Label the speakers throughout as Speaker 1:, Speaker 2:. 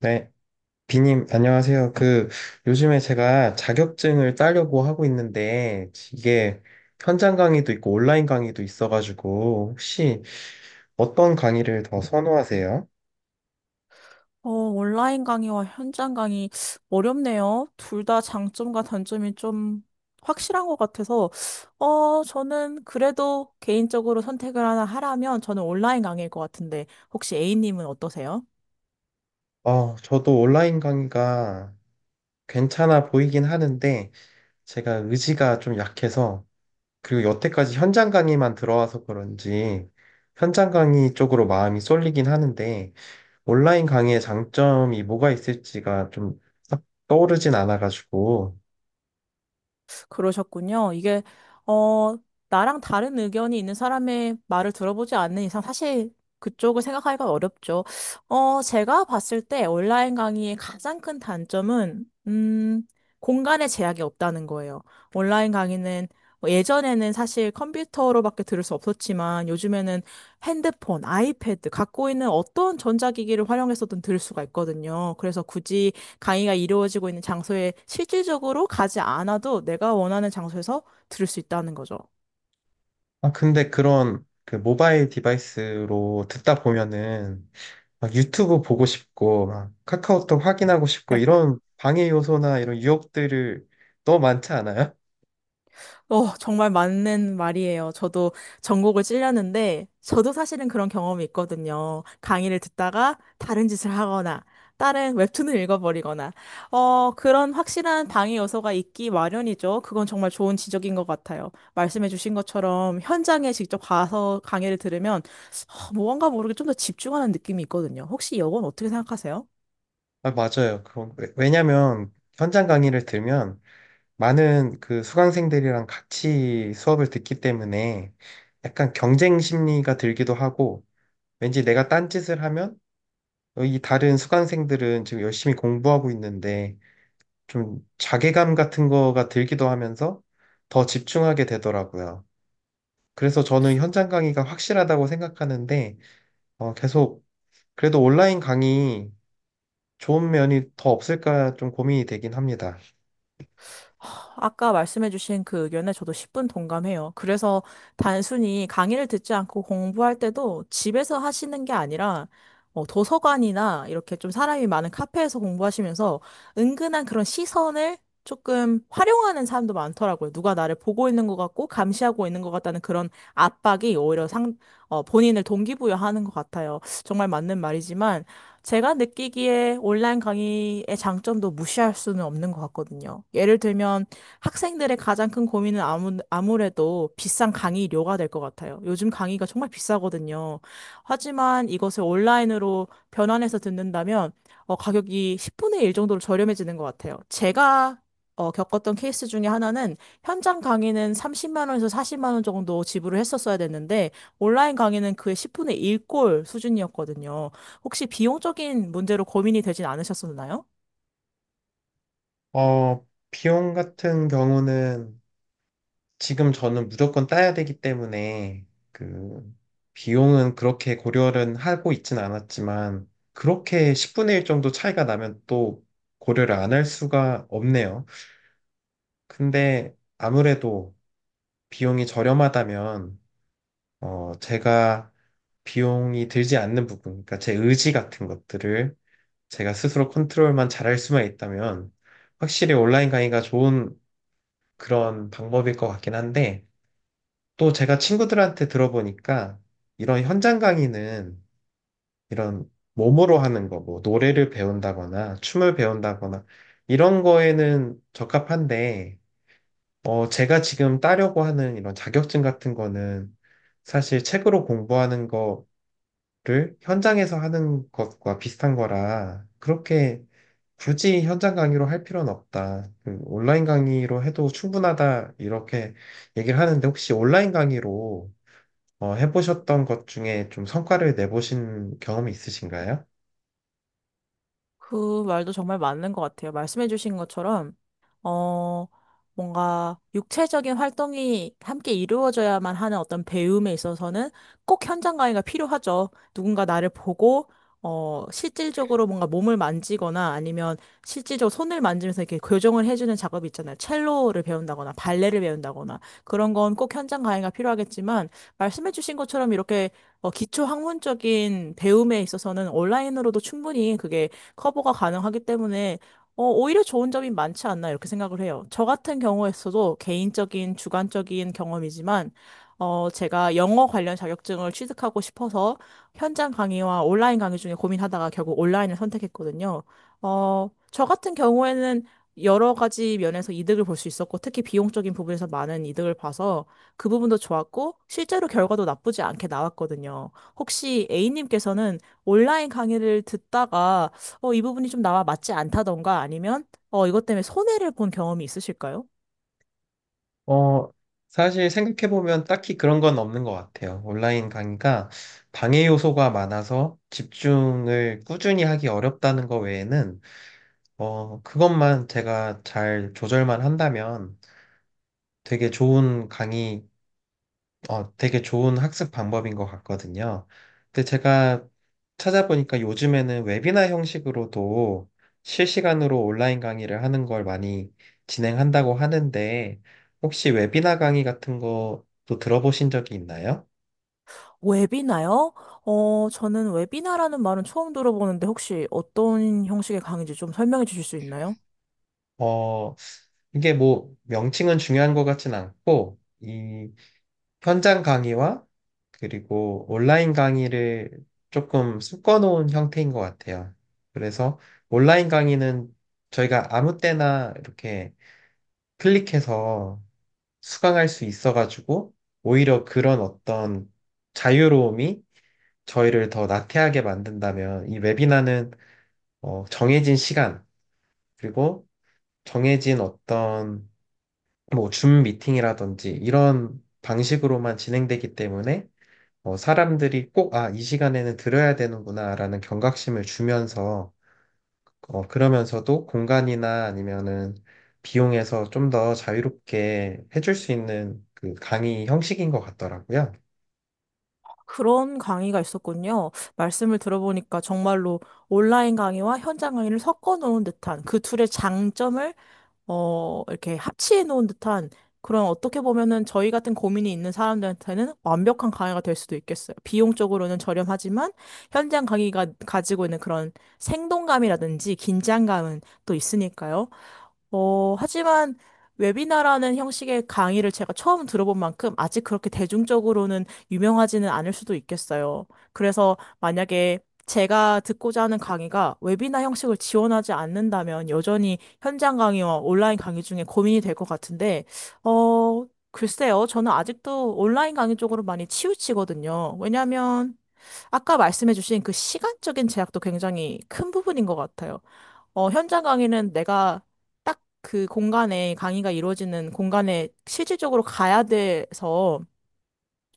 Speaker 1: 네, 비님, 안녕하세요. 요즘에 제가 자격증을 따려고 하고 있는데, 이게 현장 강의도 있고 온라인 강의도 있어가지고, 혹시 어떤 강의를 더 선호하세요?
Speaker 2: 온라인 강의와 현장 강의 어렵네요. 둘 다 장점과 단점이 좀 확실한 것 같아서, 저는 그래도 개인적으로 선택을 하나 하라면 저는 온라인 강의일 것 같은데, 혹시 A님은 어떠세요?
Speaker 1: 저도 온라인 강의가 괜찮아 보이긴 하는데, 제가 의지가 좀 약해서, 그리고 여태까지 현장 강의만 들어와서 그런지, 현장 강의 쪽으로 마음이 쏠리긴 하는데, 온라인 강의의 장점이 뭐가 있을지가 좀 딱 떠오르진 않아가지고.
Speaker 2: 그러셨군요. 이게, 어, 나랑 다른 의견이 있는 사람의 말을 들어보지 않는 이상 사실 그쪽을 생각하기가 어렵죠. 제가 봤을 때 온라인 강의의 가장 큰 단점은, 공간의 제약이 없다는 거예요. 온라인 강의는 뭐 예전에는 사실 컴퓨터로밖에 들을 수 없었지만 요즘에는 핸드폰, 아이패드, 갖고 있는 어떤 전자기기를 활용해서든 들을 수가 있거든요. 그래서 굳이 강의가 이루어지고 있는 장소에 실질적으로 가지 않아도 내가 원하는 장소에서 들을 수 있다는 거죠.
Speaker 1: 아, 근데 그런 그 모바일 디바이스로 듣다 보면은 막 유튜브 보고 싶고, 막 카카오톡 확인하고 싶고, 이런 방해 요소나 이런 유혹들을 너무 많지 않아요?
Speaker 2: 정말 맞는 말이에요. 저도 전곡을 찔렸는데, 저도 사실은 그런 경험이 있거든요. 강의를 듣다가 다른 짓을 하거나, 다른 웹툰을 읽어버리거나, 그런 확실한 방해 요소가 있기 마련이죠. 그건 정말 좋은 지적인 것 같아요. 말씀해주신 것처럼 현장에 직접 가서 강의를 들으면, 뭔가 모르게 좀 더 집중하는 느낌이 있거든요. 혹시 이건 어떻게 생각하세요?
Speaker 1: 아, 맞아요. 그런, 왜냐면 현장 강의를 들면 많은 그 수강생들이랑 같이 수업을 듣기 때문에 약간 경쟁 심리가 들기도 하고, 왠지 내가 딴짓을 하면 이 다른 수강생들은 지금 열심히 공부하고 있는데 좀 자괴감 같은 거가 들기도 하면서 더 집중하게 되더라고요. 그래서 저는 현장 강의가 확실하다고 생각하는데 계속 그래도 온라인 강의 좋은 면이 더 없을까 좀 고민이 되긴 합니다.
Speaker 2: 하, 아까 말씀해주신 그 의견에 저도 10분 동감해요. 그래서 단순히 강의를 듣지 않고 공부할 때도 집에서 하시는 게 아니라 도서관이나 이렇게 좀 사람이 많은 카페에서 공부하시면서 은근한 그런 시선을 조금 활용하는 사람도 많더라고요. 누가 나를 보고 있는 것 같고 감시하고 있는 것 같다는 그런 압박이 오히려 본인을 동기부여하는 것 같아요. 정말 맞는 말이지만 제가 느끼기에 온라인 강의의 장점도 무시할 수는 없는 것 같거든요. 예를 들면 학생들의 가장 큰 고민은 아무래도 비싼 강의료가 될 것 같아요. 요즘 강의가 정말 비싸거든요. 하지만 이것을 온라인으로 변환해서 듣는다면 가격이 10분의 1 정도로 저렴해지는 것 같아요. 제가 겪었던 케이스 중에 하나는 현장 강의는 30만 원에서 40만 원 정도 지불을 했었어야 됐는데 온라인 강의는 그의 10분의 1꼴 수준이었거든요. 혹시 비용적인 문제로 고민이 되진 않으셨었나요?
Speaker 1: 비용 같은 경우는 지금 저는 무조건 따야 되기 때문에 그 비용은 그렇게 고려를 하고 있진 않았지만 그렇게 10분의 1 정도 차이가 나면 또 고려를 안 할 수가 없네요. 근데 아무래도 비용이 저렴하다면 제가 비용이 들지 않는 부분, 그러니까 제 의지 같은 것들을 제가 스스로 컨트롤만 잘할 수만 있다면 확실히 온라인 강의가 좋은 그런 방법일 것 같긴 한데 또 제가 친구들한테 들어보니까 이런 현장 강의는 이런 몸으로 하는 거, 뭐 노래를 배운다거나 춤을 배운다거나 이런 거에는 적합한데, 제가 지금 따려고 하는 이런 자격증 같은 거는 사실 책으로 공부하는 거를 현장에서 하는 것과 비슷한 거라 그렇게 굳이 현장 강의로 할 필요는 없다. 그 온라인 강의로 해도 충분하다. 이렇게 얘기를 하는데 혹시 온라인 강의로 해보셨던 것 중에 좀 성과를 내보신 경험이 있으신가요?
Speaker 2: 그 말도 정말 맞는 것 같아요. 말씀해주신 것처럼, 어, 뭔가 육체적인 활동이 함께 이루어져야만 하는 어떤 배움에 있어서는 꼭 현장 강의가 필요하죠. 누군가 나를 보고, 실질적으로 뭔가 몸을 만지거나 아니면 실질적으로 손을 만지면서 이렇게 교정을 해주는 작업이 있잖아요. 첼로를 배운다거나 발레를 배운다거나 그런 건 꼭 현장 강의가 필요하겠지만 말씀해주신 것처럼 이렇게 기초 학문적인 배움에 있어서는 온라인으로도 충분히 그게 커버가 가능하기 때문에 오히려 좋은 점이 많지 않나 이렇게 생각을 해요. 저 같은 경우에서도 개인적인 주관적인 경험이지만 제가 영어 관련 자격증을 취득하고 싶어서 현장 강의와 온라인 강의 중에 고민하다가 결국 온라인을 선택했거든요. 저 같은 경우에는 여러 가지 면에서 이득을 볼 수 있었고, 특히 비용적인 부분에서 많은 이득을 봐서 그 부분도 좋았고, 실제로 결과도 나쁘지 않게 나왔거든요. 혹시 A님께서는 온라인 강의를 듣다가 이 부분이 좀 나와 맞지 않다던가 아니면 이것 때문에 손해를 본 경험이 있으실까요?
Speaker 1: 어, 사실 생각해보면 딱히 그런 건 없는 것 같아요. 온라인 강의가 방해 요소가 많아서 집중을 꾸준히 하기 어렵다는 것 외에는, 그것만 제가 잘 조절만 한다면 되게 좋은 강의 되게 좋은 학습 방법인 것 같거든요. 근데 제가 찾아보니까 요즘에는 웨비나 형식으로도 실시간으로 온라인 강의를 하는 걸 많이 진행한다고 하는데, 혹시 웨비나 강의 같은 것도 들어보신 적이 있나요?
Speaker 2: 웨비나요? 저는 웨비나라는 말은 처음 들어보는데 혹시 어떤 형식의 강의인지 좀 설명해 주실 수 있나요?
Speaker 1: 어, 이게 뭐 명칭은 중요한 것 같진 않고, 이 현장 강의와 그리고 온라인 강의를 조금 섞어놓은 형태인 것 같아요. 그래서 온라인 강의는 저희가 아무 때나 이렇게 클릭해서 수강할 수 있어가지고 오히려 그런 어떤 자유로움이 저희를 더 나태하게 만든다면 이 웨비나는 정해진 시간 그리고 정해진 어떤 뭐 줌 미팅이라든지 이런 방식으로만 진행되기 때문에 사람들이 꼭, 아, 이 시간에는 들어야 되는구나라는 경각심을 주면서, 그러면서도 공간이나 아니면은 비용에서 좀 더 자유롭게 해줄 수 있는 그 강의 형식인 것 같더라고요.
Speaker 2: 그런 강의가 있었군요. 말씀을 들어보니까 정말로 온라인 강의와 현장 강의를 섞어 놓은 듯한 그 둘의 장점을 이렇게 합치해 놓은 듯한 그런 어떻게 보면은 저희 같은 고민이 있는 사람들한테는 완벽한 강의가 될 수도 있겠어요. 비용적으로는 저렴하지만 현장 강의가 가지고 있는 그런 생동감이라든지 긴장감은 또 있으니까요. 하지만 웨비나라는 형식의 강의를 제가 처음 들어본 만큼 아직 그렇게 대중적으로는 유명하지는 않을 수도 있겠어요. 그래서 만약에 제가 듣고자 하는 강의가 웨비나 형식을 지원하지 않는다면 여전히 현장 강의와 온라인 강의 중에 고민이 될 것 같은데, 글쎄요. 저는 아직도 온라인 강의 쪽으로 많이 치우치거든요. 왜냐하면 아까 말씀해주신 그 시간적인 제약도 굉장히 큰 부분인 것 같아요. 현장 강의는 내가 딱 그 공간에 강의가 이루어지는 공간에 실질적으로 가야 돼서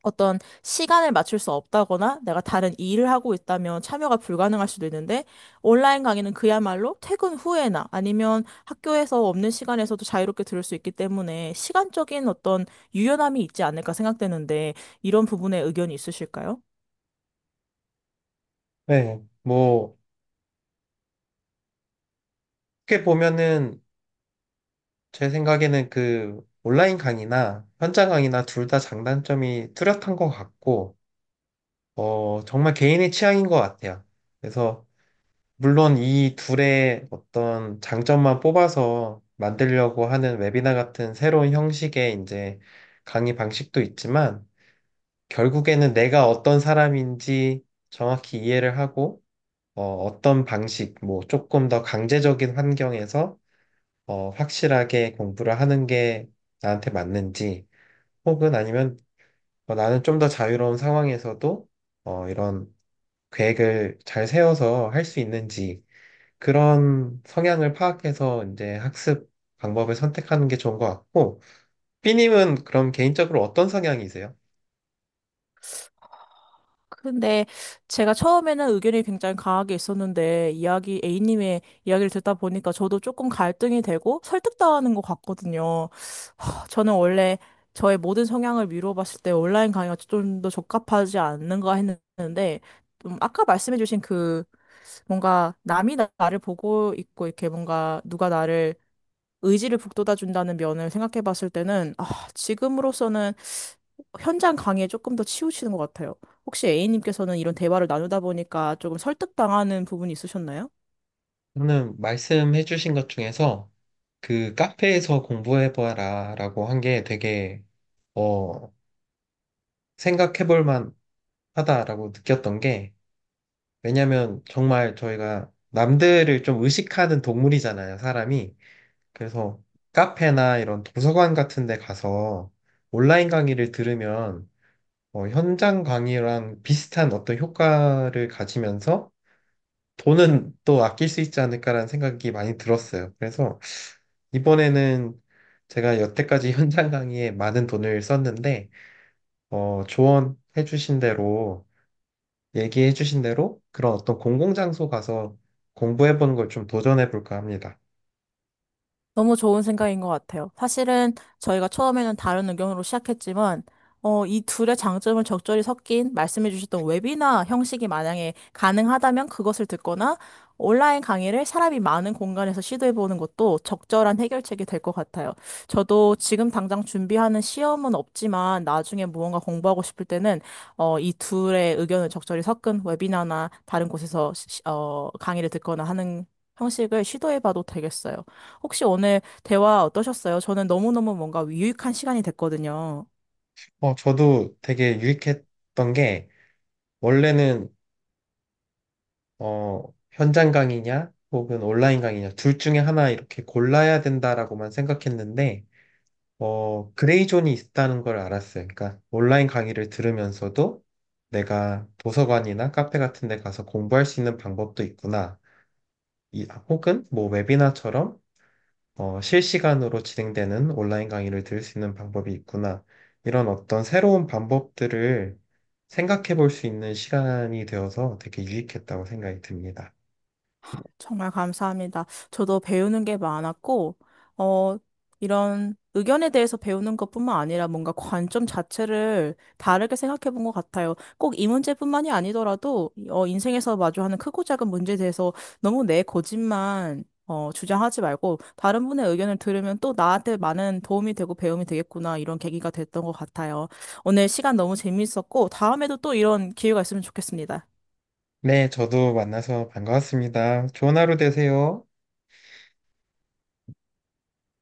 Speaker 2: 어떤 시간을 맞출 수 없다거나 내가 다른 일을 하고 있다면 참여가 불가능할 수도 있는데 온라인 강의는 그야말로 퇴근 후에나 아니면 학교에서 없는 시간에서도 자유롭게 들을 수 있기 때문에 시간적인 어떤 유연함이 있지 않을까 생각되는데 이런 부분에 의견이 있으실까요?
Speaker 1: 네, 뭐, 어떻게 보면은 제 생각에는 그 온라인 강의나 현장 강의나 둘 다 장단점이 뚜렷한 것 같고, 정말 개인의 취향인 것 같아요. 그래서 물론 이 둘의 어떤 장점만 뽑아서 만들려고 하는 웨비나 같은 새로운 형식의 이제 강의 방식도 있지만 결국에는 내가 어떤 사람인지 정확히 이해를 하고 어, 떤 방식, 뭐 조금 더 강제적인 환경에서 확실하게 공부를 하는 게 나한테 맞는지 혹은 아니면 나는 좀 더 자유로운 상황에서도 이런 계획을 잘 세워서 할 수 있는지 그런 성향을 파악해서 이제 학습 방법을 선택하는 게 좋은 것 같고, 삐님은 그럼 개인적으로 어떤 성향이세요?
Speaker 2: 근데 제가 처음에는 의견이 굉장히 강하게 있었는데 이야기 A님의 이야기를 듣다 보니까 저도 조금 갈등이 되고 설득당하는 것 같거든요. 저는 원래 저의 모든 성향을 미루어 봤을 때 온라인 강의가 좀 더 적합하지 않는가 했는데, 좀 아까 말씀해주신 그 뭔가 남이 나를 보고 있고 이렇게 뭔가 누가 나를 의지를 북돋아 준다는 면을 생각해 봤을 때는, 아, 지금으로서는 현장 강의에 조금 더 치우치는 것 같아요. 혹시 A님께서는 이런 대화를 나누다 보니까 조금 설득당하는 부분이 있으셨나요?
Speaker 1: 저는 말씀해 주신 것 중에서 그 카페에서 공부해봐라 라고 한 게 되게, 어, 생각해볼 만 하다라고 느꼈던 게, 왜냐면 정말 저희가 남들을 좀 의식하는 동물이잖아요, 사람이. 그래서 카페나 이런 도서관 같은 데 가서 온라인 강의를 들으면 현장 강의랑 비슷한 어떤 효과를 가지면서 돈은 또 아낄 수 있지 않을까라는 생각이 많이 들었어요. 그래서 이번에는 제가 여태까지 현장 강의에 많은 돈을 썼는데, 조언해 주신 대로, 얘기해 주신 대로 그런 어떤 공공장소 가서 공부해 보는 걸 좀 도전해 볼까 합니다.
Speaker 2: 너무 좋은 생각인 것 같아요. 사실은 저희가 처음에는 다른 의견으로 시작했지만, 이 둘의 장점을 적절히 섞인 말씀해 주셨던 웨비나 형식이 만약에 가능하다면 그것을 듣거나 온라인 강의를 사람이 많은 공간에서 시도해 보는 것도 적절한 해결책이 될 것 같아요. 저도 지금 당장 준비하는 시험은 없지만 나중에 무언가 공부하고 싶을 때는 이 둘의 의견을 적절히 섞은 웨비나나 다른 곳에서 강의를 듣거나 하는 형식을 시도해 봐도 되겠어요. 혹시 오늘 대화 어떠셨어요? 저는 너무너무 뭔가 유익한 시간이 됐거든요.
Speaker 1: 저도 되게 유익했던 게, 원래는 어, 현장 강의냐, 혹은 온라인 강의냐, 둘 중에 하나 이렇게 골라야 된다라고만 생각했는데, 그레이 존이 있다는 걸 알았어요. 그러니까 온라인 강의를 들으면서도 내가 도서관이나 카페 같은 데 가서 공부할 수 있는 방법도 있구나. 이, 혹은 뭐 웨비나처럼 실시간으로 진행되는 온라인 강의를 들을 수 있는 방법이 있구나. 이런 어떤 새로운 방법들을 생각해 볼 수 있는 시간이 되어서 되게 유익했다고 생각이 듭니다.
Speaker 2: 정말 감사합니다. 저도 배우는 게 많았고, 어, 이런 의견에 대해서 배우는 것뿐만 아니라 뭔가 관점 자체를 다르게 생각해 본 것 같아요. 꼭 이 문제뿐만이 아니더라도, 인생에서 마주하는 크고 작은 문제에 대해서 너무 내 고집만 주장하지 말고 다른 분의 의견을 들으면 또 나한테 많은 도움이 되고 배움이 되겠구나 이런 계기가 됐던 것 같아요. 오늘 시간 너무 재미있었고 다음에도 또 이런 기회가 있으면 좋겠습니다.
Speaker 1: 네, 저도 만나서 반가웠습니다. 좋은 하루 되세요.